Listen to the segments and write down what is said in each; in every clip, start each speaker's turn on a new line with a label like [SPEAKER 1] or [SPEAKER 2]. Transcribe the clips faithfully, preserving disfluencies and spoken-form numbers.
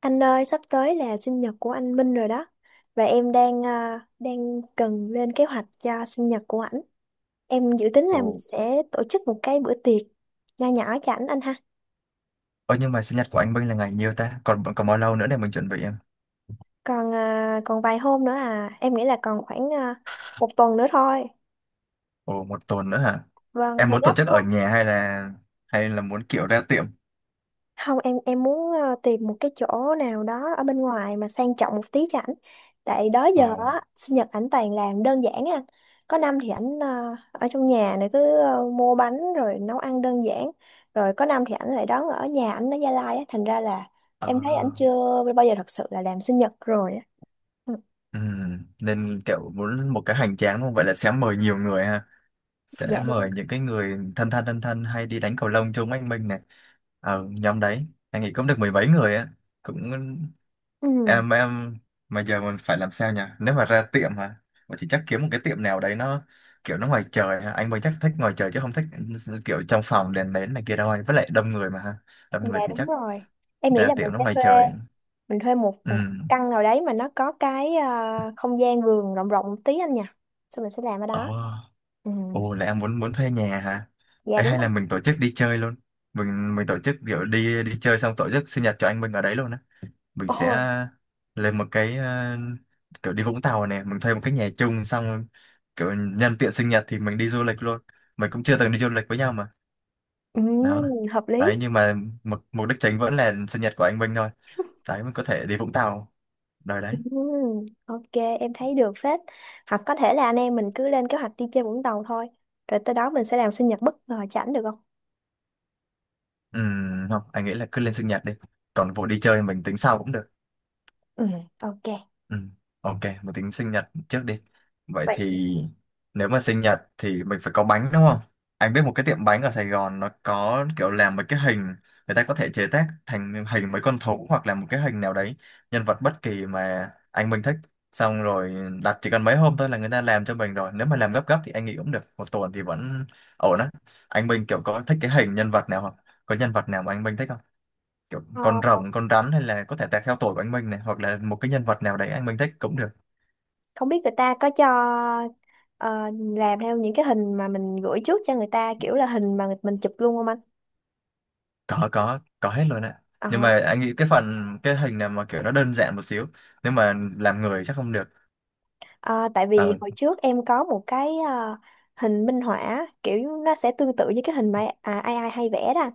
[SPEAKER 1] Anh ơi, sắp tới là sinh nhật của anh Minh rồi đó. Và em đang à, đang cần lên kế hoạch cho sinh nhật của ảnh. Em dự tính là mình
[SPEAKER 2] Ồ.
[SPEAKER 1] sẽ tổ chức một cái bữa tiệc nho nhỏ cho ảnh anh ha.
[SPEAKER 2] Ơ nhưng mà sinh nhật của anh Minh là ngày nhiêu ta? Còn còn bao lâu nữa để mình chuẩn bị em?
[SPEAKER 1] Còn à, còn vài hôm nữa à, em nghĩ là còn khoảng à, một tuần nữa thôi.
[SPEAKER 2] Ồ một tuần nữa hả?
[SPEAKER 1] Vâng,
[SPEAKER 2] Em
[SPEAKER 1] hơi
[SPEAKER 2] muốn tổ
[SPEAKER 1] gấp
[SPEAKER 2] chức
[SPEAKER 1] đúng.
[SPEAKER 2] ở nhà hay là hay là muốn kiểu ra tiệm?
[SPEAKER 1] Không, em em muốn ờ, tìm một cái chỗ nào đó ở bên ngoài mà sang trọng một tí cho ảnh. Tại đó
[SPEAKER 2] Ồ.
[SPEAKER 1] giờ á, sinh nhật ảnh toàn làm đơn giản á anh. Có năm thì ảnh ờ, ở trong nhà này cứ ờ, mua bánh rồi nấu ăn đơn giản. Rồi có năm thì ảnh lại đón ở nhà ảnh ở Gia Lai á, thành ra là em thấy ảnh
[SPEAKER 2] Ờ.
[SPEAKER 1] chưa bao giờ thật sự là làm sinh nhật rồi á. Ừ,
[SPEAKER 2] Ừ. Nên kiểu muốn một cái hoành tráng đúng không? Vậy là sẽ mời nhiều người ha. Sẽ
[SPEAKER 1] dạ đúng.
[SPEAKER 2] mời những cái người thân thân thân thân hay đi đánh cầu lông chung với anh Minh này, ở nhóm đấy anh nghĩ cũng được mười mấy người á, cũng
[SPEAKER 1] Ừ,
[SPEAKER 2] em em mà giờ mình phải làm sao nhỉ nếu mà ra tiệm hả. Vậy thì chắc kiếm một cái tiệm nào đấy nó kiểu nó ngoài trời hả? Anh mới chắc thích ngoài trời chứ không thích kiểu trong phòng đèn nến này kia đâu anh, với lại đông người mà ha, đông
[SPEAKER 1] dạ
[SPEAKER 2] người thì
[SPEAKER 1] đúng
[SPEAKER 2] chắc
[SPEAKER 1] rồi. Em nghĩ
[SPEAKER 2] ra
[SPEAKER 1] là mình
[SPEAKER 2] tiệm nó
[SPEAKER 1] sẽ
[SPEAKER 2] ngoài
[SPEAKER 1] thuê
[SPEAKER 2] trời.
[SPEAKER 1] mình thuê một,
[SPEAKER 2] Ừ.
[SPEAKER 1] một căn nào đấy mà nó có cái ờ, không gian vườn rộng rộng một tí anh nhỉ. Xong mình sẽ làm ở
[SPEAKER 2] Ồ.
[SPEAKER 1] đó. Ừ,
[SPEAKER 2] Ồ là em muốn muốn thuê nhà hả?
[SPEAKER 1] dạ
[SPEAKER 2] Ấy
[SPEAKER 1] đúng
[SPEAKER 2] hay là
[SPEAKER 1] rồi.
[SPEAKER 2] mình tổ chức đi chơi luôn. Mình mình tổ chức kiểu đi đi chơi xong tổ chức sinh nhật cho anh mình ở đấy luôn á. Mình sẽ
[SPEAKER 1] Ồ,
[SPEAKER 2] lên một cái ờ, kiểu đi Vũng Tàu này, mình thuê một cái nhà chung, xong kiểu nhân tiện sinh nhật thì mình đi du lịch luôn. Mình cũng chưa từng đi du lịch với nhau mà.
[SPEAKER 1] ừ,
[SPEAKER 2] Đó.
[SPEAKER 1] hợp
[SPEAKER 2] Đấy
[SPEAKER 1] lý.
[SPEAKER 2] nhưng mà mục mục đích chính vẫn là sinh nhật của anh Minh thôi. Đấy mình có thể đi Vũng Tàu đời
[SPEAKER 1] Ừ,
[SPEAKER 2] đấy.
[SPEAKER 1] ok, em thấy được phết. Hoặc có thể là anh em mình cứ lên kế hoạch đi chơi Vũng Tàu thôi. Rồi tới đó mình sẽ làm sinh nhật bất ngờ cho ảnh được không?
[SPEAKER 2] Ừm, không, anh nghĩ là cứ lên sinh nhật đi. Còn vụ đi chơi mình tính sau cũng được.
[SPEAKER 1] Ừ, ok.
[SPEAKER 2] Ừ. Ok, một tính sinh nhật trước đi. Vậy
[SPEAKER 1] Vậy
[SPEAKER 2] thì nếu mà sinh nhật thì mình phải có bánh đúng không? Anh biết một cái tiệm bánh ở Sài Gòn nó có kiểu làm một cái hình, người ta có thể chế tác thành hình mấy con thú hoặc là một cái hình nào đấy, nhân vật bất kỳ mà anh mình thích. Xong rồi đặt chỉ cần mấy hôm thôi là người ta làm cho mình rồi. Nếu mà làm gấp gấp thì anh nghĩ cũng được. Một tuần thì vẫn ổn á. Anh Minh kiểu có thích cái hình nhân vật nào không? Có nhân vật nào mà anh Minh thích kiểu con
[SPEAKER 1] ờ,
[SPEAKER 2] rồng con rắn, hay là có thể tạc theo tuổi của anh Minh này, hoặc là một cái nhân vật nào đấy anh Minh thích cũng được.
[SPEAKER 1] không biết người ta có cho ờ, làm theo những cái hình mà mình gửi trước cho người ta kiểu là hình mà mình chụp luôn không anh?
[SPEAKER 2] Có có có hết luôn ạ, nhưng
[SPEAKER 1] Ờ.
[SPEAKER 2] mà anh nghĩ cái phần cái hình này mà kiểu nó đơn giản một xíu, nếu mà làm người chắc không được.
[SPEAKER 1] À, tại
[SPEAKER 2] Ờ.
[SPEAKER 1] vì hồi trước em có một cái à, hình minh họa kiểu nó sẽ tương tự với cái hình mà à, ai ai hay vẽ đó,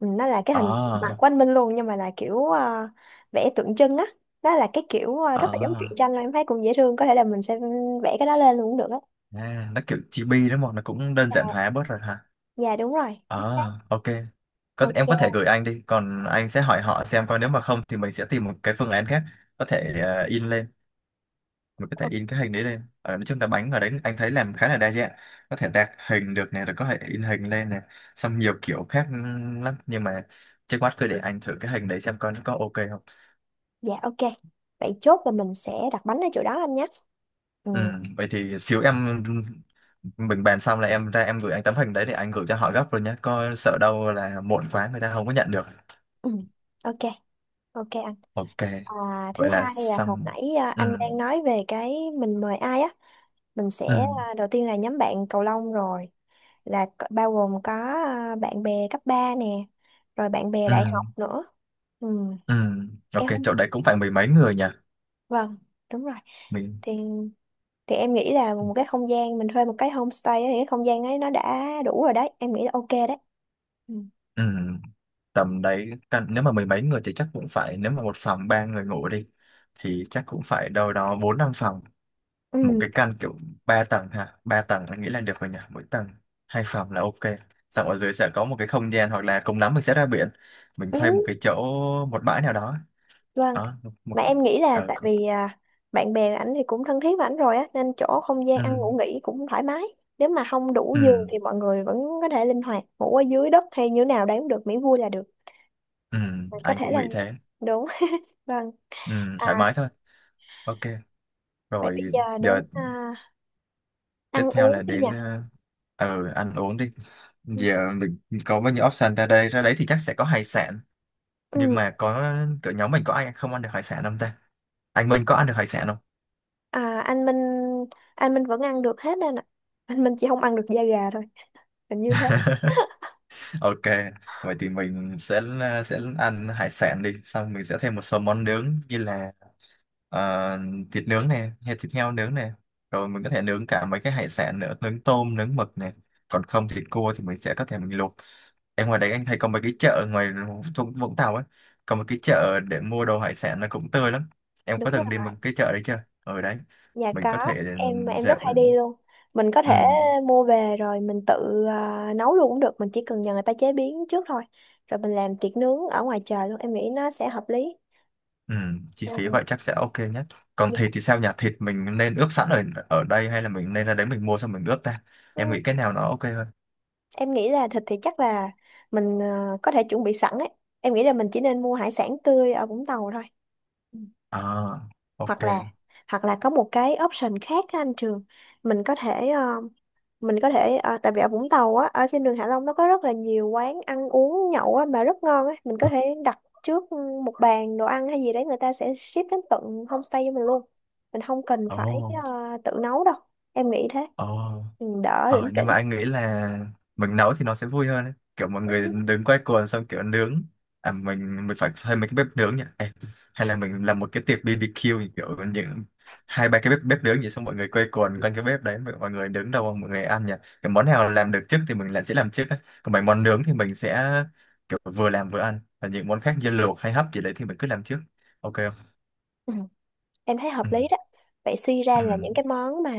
[SPEAKER 1] ừ, nó là cái
[SPEAKER 2] Ờ.
[SPEAKER 1] hình mặt của anh Minh luôn nhưng mà là kiểu à, vẽ tượng trưng á, đó là cái kiểu à,
[SPEAKER 2] Ờ.
[SPEAKER 1] rất là giống truyện tranh mà em thấy cũng dễ thương, có thể là mình sẽ vẽ cái đó lên luôn cũng được á.
[SPEAKER 2] À, nó kiểu chibi đó mà nó cũng đơn giản hóa bớt rồi hả.
[SPEAKER 1] Dạ đúng rồi, chính xác.
[SPEAKER 2] Ờ. Ok, có em có thể
[SPEAKER 1] Ok.
[SPEAKER 2] gửi anh đi, còn anh sẽ hỏi họ xem coi, nếu mà không thì mình sẽ tìm một cái phương án khác, có thể ờ, in lên, mình có thể
[SPEAKER 1] o-
[SPEAKER 2] in cái hình đấy lên. Ở nói chung là bánh ở đấy anh thấy làm khá là đa dạng, có thể tạc hình được này, rồi có thể in hình lên này, xong nhiều kiểu khác lắm, nhưng mà trước mắt cứ để anh thử cái hình đấy xem coi nó có ok không.
[SPEAKER 1] dạ ok, vậy chốt là mình sẽ đặt bánh ở chỗ đó anh nhé. Ừ.
[SPEAKER 2] Ừ, vậy thì xíu em, mình bàn xong là em ra em gửi anh tấm hình đấy để anh gửi cho họ gấp rồi nhé, coi sợ đâu là muộn quá người ta không có nhận được.
[SPEAKER 1] Ừ. Ok. Ok anh.
[SPEAKER 2] Ok
[SPEAKER 1] À, thứ
[SPEAKER 2] vậy là
[SPEAKER 1] hai là hồi
[SPEAKER 2] xong.
[SPEAKER 1] nãy à,
[SPEAKER 2] Ừ,
[SPEAKER 1] anh đang nói về cái mình mời ai á, mình
[SPEAKER 2] ừ,
[SPEAKER 1] sẽ à, đầu tiên là nhóm bạn cầu lông, rồi là c- bao gồm có à, bạn bè cấp ba nè, rồi bạn bè
[SPEAKER 2] ừ,
[SPEAKER 1] đại học nữa. Ừ.
[SPEAKER 2] ừ.
[SPEAKER 1] Em
[SPEAKER 2] Ok,
[SPEAKER 1] không,
[SPEAKER 2] chỗ đấy cũng phải mười mấy người nhỉ,
[SPEAKER 1] vâng, đúng rồi,
[SPEAKER 2] mình.
[SPEAKER 1] thì thì em nghĩ là một cái không gian mình thuê một cái homestay á, thì cái không gian ấy nó đã đủ rồi đấy, em nghĩ là ok đấy. Ừ.
[SPEAKER 2] Ừ. Tầm đấy căn, nếu mà mười mấy người thì chắc cũng phải, nếu mà một phòng ba người ngủ đi thì chắc cũng phải đâu đó bốn năm phòng, một
[SPEAKER 1] Ừ.
[SPEAKER 2] cái căn kiểu ba tầng ha. Ba tầng anh nghĩ là được rồi nhỉ, mỗi tầng hai phòng là ok, xong ở dưới sẽ có một cái không gian, hoặc là cùng lắm mình sẽ ra biển, mình thuê một
[SPEAKER 1] Ừ.
[SPEAKER 2] cái chỗ, một bãi nào đó,
[SPEAKER 1] Vâng,
[SPEAKER 2] đó, một
[SPEAKER 1] mà
[SPEAKER 2] cái-
[SPEAKER 1] em nghĩ là
[SPEAKER 2] ờ
[SPEAKER 1] tại
[SPEAKER 2] cũng-
[SPEAKER 1] vì à, bạn bè ảnh thì cũng thân thiết với ảnh rồi á nên chỗ không gian ăn
[SPEAKER 2] ừ,
[SPEAKER 1] ngủ nghỉ cũng thoải mái. Nếu mà không đủ giường
[SPEAKER 2] ừ,
[SPEAKER 1] thì mọi người vẫn có thể linh hoạt ngủ ở dưới đất hay như thế nào đấy cũng được, miễn vui là được.
[SPEAKER 2] ừ,
[SPEAKER 1] Mà có
[SPEAKER 2] anh
[SPEAKER 1] thể
[SPEAKER 2] cũng
[SPEAKER 1] là
[SPEAKER 2] nghĩ thế.
[SPEAKER 1] đúng. Vâng.
[SPEAKER 2] Ừ, thoải
[SPEAKER 1] À
[SPEAKER 2] mái thôi. Ok
[SPEAKER 1] vậy bây
[SPEAKER 2] rồi,
[SPEAKER 1] giờ
[SPEAKER 2] giờ
[SPEAKER 1] đến à,
[SPEAKER 2] tiếp
[SPEAKER 1] ăn
[SPEAKER 2] theo
[SPEAKER 1] uống
[SPEAKER 2] là
[SPEAKER 1] đi nhỉ.
[SPEAKER 2] đến ờ ờ, ăn uống đi. Giờ mình có bao nhiêu option, ra đây ra đấy thì chắc sẽ có hải sản, nhưng
[SPEAKER 1] Ừ.
[SPEAKER 2] mà có cỡ nhóm mình có ai không ăn được hải sản không ta? Anh Minh có ăn được hải sản không?
[SPEAKER 1] À, anh Minh anh Minh vẫn ăn được hết anh ạ. Anh Minh chỉ không ăn được da gà thôi. Hình như thế.
[SPEAKER 2] Ok, vậy thì mình sẽ ờ, sẽ ăn hải sản đi, xong mình sẽ thêm một số món nướng như là ờ, thịt nướng này, hay thịt heo nướng này, rồi mình có thể nướng cả mấy cái hải sản nữa, nướng tôm nướng mực này, còn không thì cua thì mình sẽ có thể mình luộc. Em ngoài đấy anh thấy có mấy cái chợ ngoài Vũng Vũng Tàu ấy, có một cái chợ để mua đồ hải sản là cũng tươi lắm. Em
[SPEAKER 1] Đúng
[SPEAKER 2] có
[SPEAKER 1] rồi.
[SPEAKER 2] từng đi một cái chợ đấy chưa? Ở đấy
[SPEAKER 1] Dạ
[SPEAKER 2] mình
[SPEAKER 1] có,
[SPEAKER 2] có thể
[SPEAKER 1] em em rất
[SPEAKER 2] dạo. Ừ,
[SPEAKER 1] hay đi luôn. Mình có
[SPEAKER 2] ừ,
[SPEAKER 1] thể mua về rồi mình tự à, nấu luôn cũng được, mình chỉ cần nhờ người ta chế biến trước thôi. Rồi mình làm tiệc nướng ở ngoài trời luôn, em nghĩ nó sẽ hợp lý.
[SPEAKER 2] ừ, chi phí
[SPEAKER 1] Ừ.
[SPEAKER 2] vậy chắc sẽ ok nhất. Còn
[SPEAKER 1] Dạ.
[SPEAKER 2] thịt thì sao nhỉ? Thịt mình nên ướp sẵn ở ở đây, hay là mình nên ra đấy mình mua xong mình ướp ta? Em
[SPEAKER 1] Ừ,
[SPEAKER 2] nghĩ cái nào nó ok hơn?
[SPEAKER 1] em nghĩ là thịt thì chắc là mình à, có thể chuẩn bị sẵn ấy. Em nghĩ là mình chỉ nên mua hải sản tươi ở Vũng Tàu thôi. Ừ.
[SPEAKER 2] À, ok.
[SPEAKER 1] Hoặc là hoặc là có một cái option khác á anh Trường, mình có thể ờ, mình có thể à, tại vì ở Vũng Tàu á ở trên đường Hạ Long nó có rất là nhiều quán ăn uống nhậu á mà rất ngon á, mình có thể đặt trước ừ, một bàn đồ ăn hay gì đấy người ta sẽ ship đến tận homestay cho mình luôn, mình không cần phải
[SPEAKER 2] Ồ,
[SPEAKER 1] à, tự nấu đâu, em nghĩ thế.
[SPEAKER 2] oh,
[SPEAKER 1] Ừ, đỡ
[SPEAKER 2] ờ,
[SPEAKER 1] lỉnh
[SPEAKER 2] nhưng
[SPEAKER 1] kỉnh.
[SPEAKER 2] mà anh nghĩ là mình nấu thì nó sẽ vui hơn ấy. Kiểu mọi người đứng quay cuồng xong kiểu nướng, à mình mình phải thuê mấy cái bếp nướng nhỉ. Ê, hay là mình làm một cái tiệc bi bi kiu như kiểu những hai ba cái bếp bếp nướng vậy, xong mọi người quay cuồng quanh cái bếp đấy, mọi mọi người đứng đầu mọi người ăn nhỉ. Cái món nào làm được trước thì mình lại sẽ làm trước ấy, còn mấy món nướng thì mình sẽ kiểu vừa làm vừa ăn, và những món khác như luộc hay hấp gì đấy thì mình cứ làm trước, ok không?
[SPEAKER 1] Ừ. Em thấy hợp
[SPEAKER 2] Ừ
[SPEAKER 1] lý đó, vậy suy ra
[SPEAKER 2] ừ
[SPEAKER 1] là những cái món mà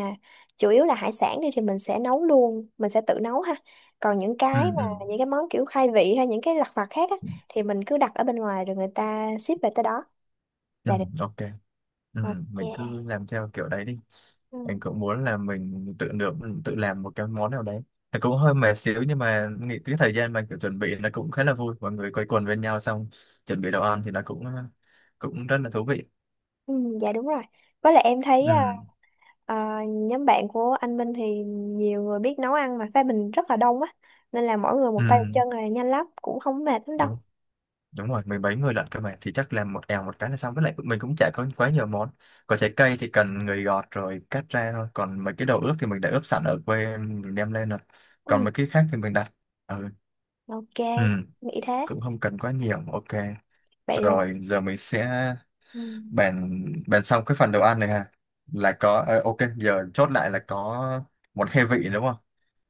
[SPEAKER 1] chủ yếu là hải sản đi thì mình sẽ nấu luôn, mình sẽ tự nấu ha, còn những
[SPEAKER 2] ừ
[SPEAKER 1] cái mà
[SPEAKER 2] ừ, ừ.
[SPEAKER 1] những cái món kiểu khai vị hay những cái lặt vặt khác á thì mình cứ đặt ở bên ngoài rồi người ta ship về tới đó
[SPEAKER 2] Ừ,
[SPEAKER 1] là được.
[SPEAKER 2] ok. Ừ, mình
[SPEAKER 1] Ok.
[SPEAKER 2] cứ làm theo kiểu đấy đi. Anh
[SPEAKER 1] Ừ.
[SPEAKER 2] cũng muốn là mình tự nướng, tự làm một cái món nào đấy, nó cũng hơi mệt xíu nhưng mà nghĩ cái thời gian mà kiểu chuẩn bị nó cũng khá là vui, mọi người quây quần bên nhau xong chuẩn bị đồ ăn thì nó cũng cũng rất là thú vị.
[SPEAKER 1] Ừ, dạ đúng rồi. Với lại em thấy
[SPEAKER 2] Ừ,
[SPEAKER 1] à, à, nhóm bạn của anh Minh thì nhiều người biết nấu ăn mà phe mình rất là đông á. Nên là mỗi người một
[SPEAKER 2] ừ,
[SPEAKER 1] tay một chân là nhanh lắm, cũng không mệt lắm đâu.
[SPEAKER 2] đúng. Đúng rồi, mười mấy người lận cơ mà, thì chắc làm một èo một cái là xong, với lại mình cũng chả có quá nhiều món, có trái cây thì cần người gọt rồi cắt ra thôi, còn mấy cái đồ ướp thì mình đã ướp sẵn ở quê mình đem lên rồi, còn
[SPEAKER 1] Ừ.
[SPEAKER 2] mấy cái khác thì mình đặt. Ừ,
[SPEAKER 1] Ok,
[SPEAKER 2] ừ,
[SPEAKER 1] nghĩ thế.
[SPEAKER 2] cũng không cần quá nhiều. Ok,
[SPEAKER 1] Vậy là
[SPEAKER 2] rồi giờ mình sẽ
[SPEAKER 1] ừ.
[SPEAKER 2] bạn bạn xong cái phần đồ ăn này ha, là có ờ, ok giờ chốt lại là có một khai vị đúng không?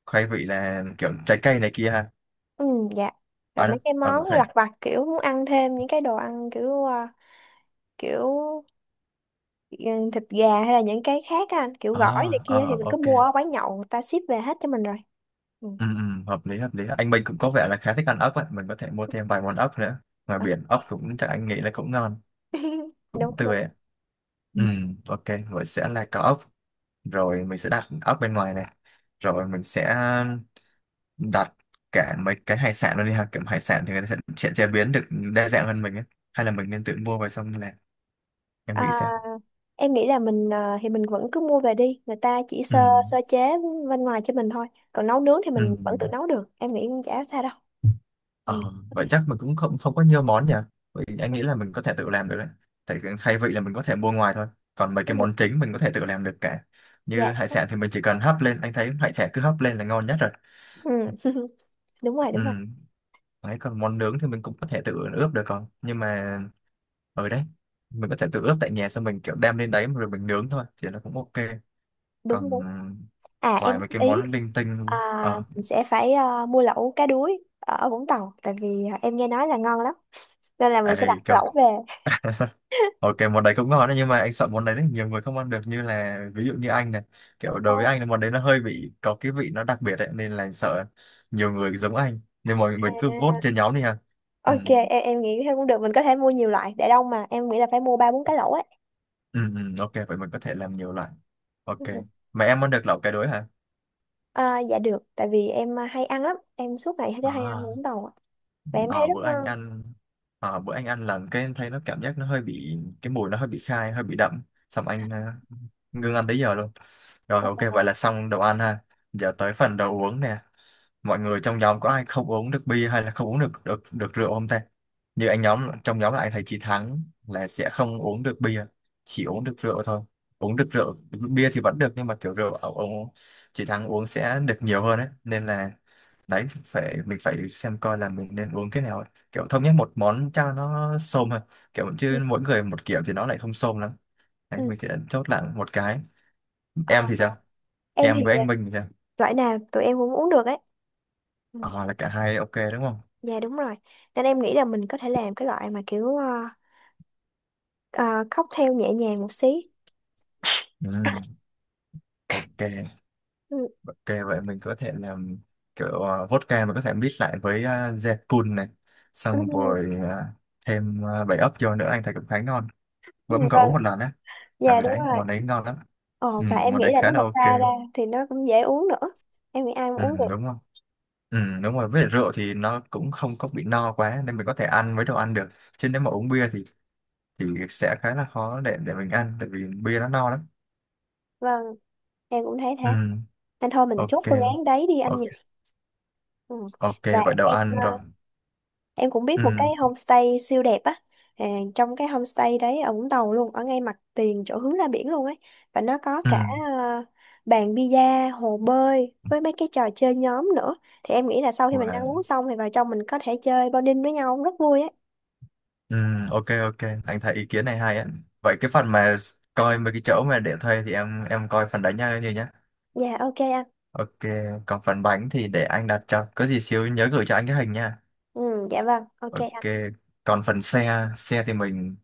[SPEAKER 2] Khai vị là kiểu trái cây này kia ha.
[SPEAKER 1] Ừ, dạ. Rồi
[SPEAKER 2] À đâu?
[SPEAKER 1] mấy cái
[SPEAKER 2] Ờ
[SPEAKER 1] món
[SPEAKER 2] khai.
[SPEAKER 1] lặt vặt kiểu muốn ăn thêm những cái đồ ăn kiểu à, kiểu ừ, thịt gà hay là những cái khác á anh, kiểu gỏi này
[SPEAKER 2] À,
[SPEAKER 1] kia thì
[SPEAKER 2] à
[SPEAKER 1] mình cứ
[SPEAKER 2] ok.
[SPEAKER 1] mua ở quán nhậu người ta ship về hết cho mình rồi. Ừ.
[SPEAKER 2] Ừ, ừ, hợp lý hợp lý. Anh Minh cũng có vẻ là khá thích ăn ốc ấy, mình có thể mua thêm vài món ốc nữa. Ngoài
[SPEAKER 1] Đó.
[SPEAKER 2] biển ốc cũng chắc anh nghĩ là cũng ngon, cũng
[SPEAKER 1] Đúng
[SPEAKER 2] tươi
[SPEAKER 1] đúng.
[SPEAKER 2] ấy. Ừ. Ừ, ok, vậy sẽ là có ốc, rồi mình sẽ đặt ốc bên ngoài này. Rồi mình sẽ đặt cả mấy cái hải sản luôn đi ha, kiểu hải sản thì người ta sẽ, sẽ chế biến được đa dạng hơn mình ấy, hay là mình nên tự mua về xong làm, em nghĩ
[SPEAKER 1] À,
[SPEAKER 2] sao?
[SPEAKER 1] em nghĩ là mình ờ, thì mình vẫn cứ mua về đi, người ta chỉ
[SPEAKER 2] Ừ.
[SPEAKER 1] sơ sơ chế bên ngoài cho mình thôi. Còn nấu nướng thì
[SPEAKER 2] Ừ.
[SPEAKER 1] mình vẫn tự nấu được. Em nghĩ cũng chả sao đâu. Ừ.
[SPEAKER 2] Ờ,
[SPEAKER 1] Đi.
[SPEAKER 2] vậy chắc mình cũng không không có nhiều món nhỉ, vậy anh nghĩ là mình có thể tự làm được ấy. Tại cái khai vị là mình có thể mua ngoài thôi, còn mấy cái
[SPEAKER 1] Ừ.
[SPEAKER 2] món chính mình có thể tự làm được cả,
[SPEAKER 1] Dạ.
[SPEAKER 2] như hải sản thì mình chỉ cần hấp lên, anh thấy hải sản cứ hấp lên là ngon nhất rồi.
[SPEAKER 1] Ừ. Đúng rồi,
[SPEAKER 2] Ừ.
[SPEAKER 1] đúng rồi.
[SPEAKER 2] Đấy, còn món nướng thì mình cũng có thể tự ướp được, còn nhưng mà ở đấy mình có thể tự ướp tại nhà, xong mình kiểu đem lên đấy rồi mình nướng thôi thì nó cũng ok.
[SPEAKER 1] Đúng
[SPEAKER 2] Còn
[SPEAKER 1] đúng. À em
[SPEAKER 2] vài mấy
[SPEAKER 1] góp
[SPEAKER 2] cái
[SPEAKER 1] ý
[SPEAKER 2] món linh
[SPEAKER 1] à,
[SPEAKER 2] tinh ờ
[SPEAKER 1] mình sẽ phải ờ, mua lẩu cá đuối ở Vũng Tàu tại vì ờ, em nghe nói là ngon lắm. Nên là mình sẽ đặt
[SPEAKER 2] ấy kiểu,
[SPEAKER 1] lẩu về.
[SPEAKER 2] ok món đấy cũng ngon đấy, nhưng mà anh sợ món đấy, đấy nhiều người không ăn được, như là ví dụ như anh này, kiểu đối với
[SPEAKER 1] Ồ,
[SPEAKER 2] anh là món đấy nó hơi bị có cái vị nó đặc biệt đấy, nên là sợ nhiều người giống anh, nên mọi người
[SPEAKER 1] à,
[SPEAKER 2] cứ vote trên nhóm đi ha. Ừ.
[SPEAKER 1] ok, em em nghĩ thế cũng được. Mình có thể mua nhiều loại để đông mà. Em nghĩ là phải mua ba bốn cái lẩu ấy.
[SPEAKER 2] Ừ, ừ, ok vậy mình có thể làm nhiều loại. Ok, mà em ăn được lẩu cái đối hả?
[SPEAKER 1] À, dạ được, tại vì em à, hay ăn lắm, em suốt ngày cứ hay ăn
[SPEAKER 2] À.
[SPEAKER 1] uống tàu, ạ. Và em
[SPEAKER 2] Ờ,
[SPEAKER 1] thấy rất
[SPEAKER 2] bữa anh
[SPEAKER 1] ngon.
[SPEAKER 2] ăn ờ, bữa anh ăn là, cái em thấy nó cảm giác nó hơi bị cái mùi, nó hơi bị khai hơi bị đậm, xong anh ờ, ngưng ăn tới giờ luôn. Rồi ok vậy
[SPEAKER 1] Ồ.
[SPEAKER 2] là xong đồ ăn ha. Giờ tới phần đồ uống nè, mọi người trong nhóm có ai không uống được bia, hay là không uống được được được rượu không ta? Như anh, nhóm trong nhóm là anh thấy chị Thắng là sẽ không uống được bia, chỉ uống được rượu thôi. Uống được rượu, bia thì vẫn được nhưng mà kiểu rượu ông, ông chị Thắng uống sẽ được nhiều hơn ấy, nên là đấy phải mình phải xem coi là mình nên uống cái nào ấy, kiểu thống nhất một món cho nó xôm hơn, kiểu
[SPEAKER 1] Ừ.
[SPEAKER 2] chứ mỗi người một kiểu thì nó lại không xôm lắm. Đấy
[SPEAKER 1] Ừ.
[SPEAKER 2] mình sẽ chốt lại một cái. Em
[SPEAKER 1] À,
[SPEAKER 2] thì sao?
[SPEAKER 1] em thì
[SPEAKER 2] Em với
[SPEAKER 1] dạ,
[SPEAKER 2] anh Minh thì sao?
[SPEAKER 1] loại nào tụi em cũng uống được ấy. Ừ.
[SPEAKER 2] À, là cả hai ok đúng không?
[SPEAKER 1] Dạ đúng rồi, nên em nghĩ là mình có thể làm cái loại mà kiểu à, à, cocktail nhẹ nhàng một xí.
[SPEAKER 2] Ừ, ok.
[SPEAKER 1] Ừ.
[SPEAKER 2] Ok, vậy mình có thể làm kiểu ờ, vodka mình có thể mix lại với uh, Zekun này,
[SPEAKER 1] Ừ.
[SPEAKER 2] xong rồi ờ, thêm uh, bảy ốc vô nữa anh thấy cũng khá ngon,
[SPEAKER 1] Ừ.
[SPEAKER 2] bữa mình có
[SPEAKER 1] Vâng,
[SPEAKER 2] uống một lần á,
[SPEAKER 1] dạ
[SPEAKER 2] ở
[SPEAKER 1] đúng
[SPEAKER 2] đấy
[SPEAKER 1] rồi.
[SPEAKER 2] món đấy ngon lắm. Ừ,
[SPEAKER 1] Ồ, và em
[SPEAKER 2] món đấy
[SPEAKER 1] nghĩ là
[SPEAKER 2] khá
[SPEAKER 1] nếu
[SPEAKER 2] là
[SPEAKER 1] mà pha ra
[SPEAKER 2] ok.
[SPEAKER 1] thì nó cũng dễ uống nữa. Em nghĩ ai cũng
[SPEAKER 2] Ừ,
[SPEAKER 1] uống được.
[SPEAKER 2] đúng không? Ừ, đúng rồi, với lại rượu thì nó cũng không có bị no quá nên mình có thể ăn với đồ ăn được. Chứ nếu mà uống bia thì thì sẽ khá là khó để để mình ăn, tại vì bia nó no lắm.
[SPEAKER 1] Vâng, em cũng thấy
[SPEAKER 2] Ừ,
[SPEAKER 1] thế. Nên thôi mình chốt
[SPEAKER 2] ok.
[SPEAKER 1] phương án đấy đi anh
[SPEAKER 2] O-
[SPEAKER 1] nhỉ. Ừ.
[SPEAKER 2] Ok,
[SPEAKER 1] Và
[SPEAKER 2] vậy đồ
[SPEAKER 1] em ờ,
[SPEAKER 2] ăn rồi.
[SPEAKER 1] em cũng biết
[SPEAKER 2] Ừ,
[SPEAKER 1] một cái homestay siêu đẹp á. À, trong cái homestay đấy ở Vũng Tàu luôn, ở ngay mặt tiền chỗ hướng ra biển luôn ấy. Và nó có
[SPEAKER 2] ừ,
[SPEAKER 1] cả ờ, bàn bida, hồ bơi với mấy cái trò chơi nhóm nữa. Thì em nghĩ là sau khi mình ăn
[SPEAKER 2] wow.
[SPEAKER 1] uống xong thì vào trong mình có thể chơi bonding với nhau rất vui ấy.
[SPEAKER 2] Ừ, ok ok. Anh thấy ý kiến này hay á. Vậy cái phần mà coi mấy cái chỗ mà để thuê thì em em coi phần đấy nha như nhá.
[SPEAKER 1] Dạ ok anh.
[SPEAKER 2] Ok, còn phần bánh thì để anh đặt cho. Có gì xíu nhớ gửi cho anh cái hình nha.
[SPEAKER 1] Ừ, dạ vâng, ok
[SPEAKER 2] Ok,
[SPEAKER 1] anh.
[SPEAKER 2] còn phần xe, xe thì mình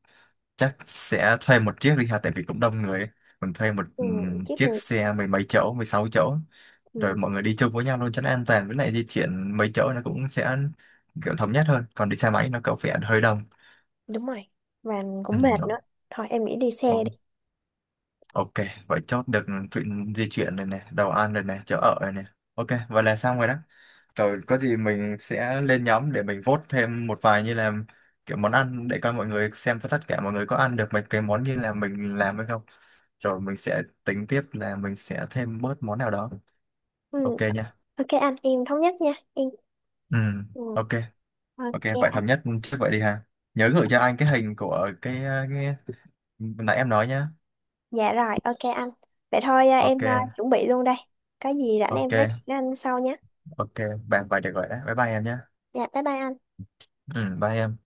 [SPEAKER 2] chắc sẽ thuê một chiếc đi ha, tại vì cũng đông người ấy, mình thuê một
[SPEAKER 1] Ừ,
[SPEAKER 2] ừm,
[SPEAKER 1] chiếc
[SPEAKER 2] chiếc
[SPEAKER 1] người.
[SPEAKER 2] xe mười mấy chỗ, mười sáu chỗ, rồi
[SPEAKER 1] Ừ,
[SPEAKER 2] mọi người đi chung với nhau luôn cho nó an toàn, với lại di chuyển mấy chỗ nó cũng sẽ kiểu thống nhất hơn, còn đi xe máy nó có vẻ hơi đông.
[SPEAKER 1] đúng rồi. Và
[SPEAKER 2] Ừ,
[SPEAKER 1] cũng mệt nữa.
[SPEAKER 2] o-
[SPEAKER 1] Thôi em nghĩ đi xe
[SPEAKER 2] o-
[SPEAKER 1] đi.
[SPEAKER 2] ok vậy chốt được chuyện di chuyển rồi nè, đồ ăn rồi nè, chỗ ở rồi nè, ok vậy là xong rồi đó. Rồi có gì mình sẽ lên nhóm để mình vote thêm một vài như là kiểu món ăn, để coi mọi người xem tất cả mọi người có ăn được mấy cái món như là mình làm hay không. Rồi mình sẽ tính tiếp là mình sẽ thêm bớt món nào đó.
[SPEAKER 1] Ừ,
[SPEAKER 2] Ok nha.
[SPEAKER 1] ok anh, em thống nhất nha. Em.
[SPEAKER 2] Ừ,
[SPEAKER 1] Ừ,
[SPEAKER 2] ok. Ok, vậy
[SPEAKER 1] ok.
[SPEAKER 2] thống nhất trước vậy đi ha. Nhớ gửi cho anh cái hình của cái, cái... nãy em nói nhá.
[SPEAKER 1] Dạ rồi, ok anh. Vậy thôi à, em
[SPEAKER 2] Ok,
[SPEAKER 1] à, chuẩn bị luôn đây. Có gì rảnh em nói
[SPEAKER 2] ok,
[SPEAKER 1] chuyện với anh sau nhé.
[SPEAKER 2] ok. Bàn vậy được rồi đấy. Bye bye em nhá.
[SPEAKER 1] Dạ, bye bye anh.
[SPEAKER 2] Ừ, bye em.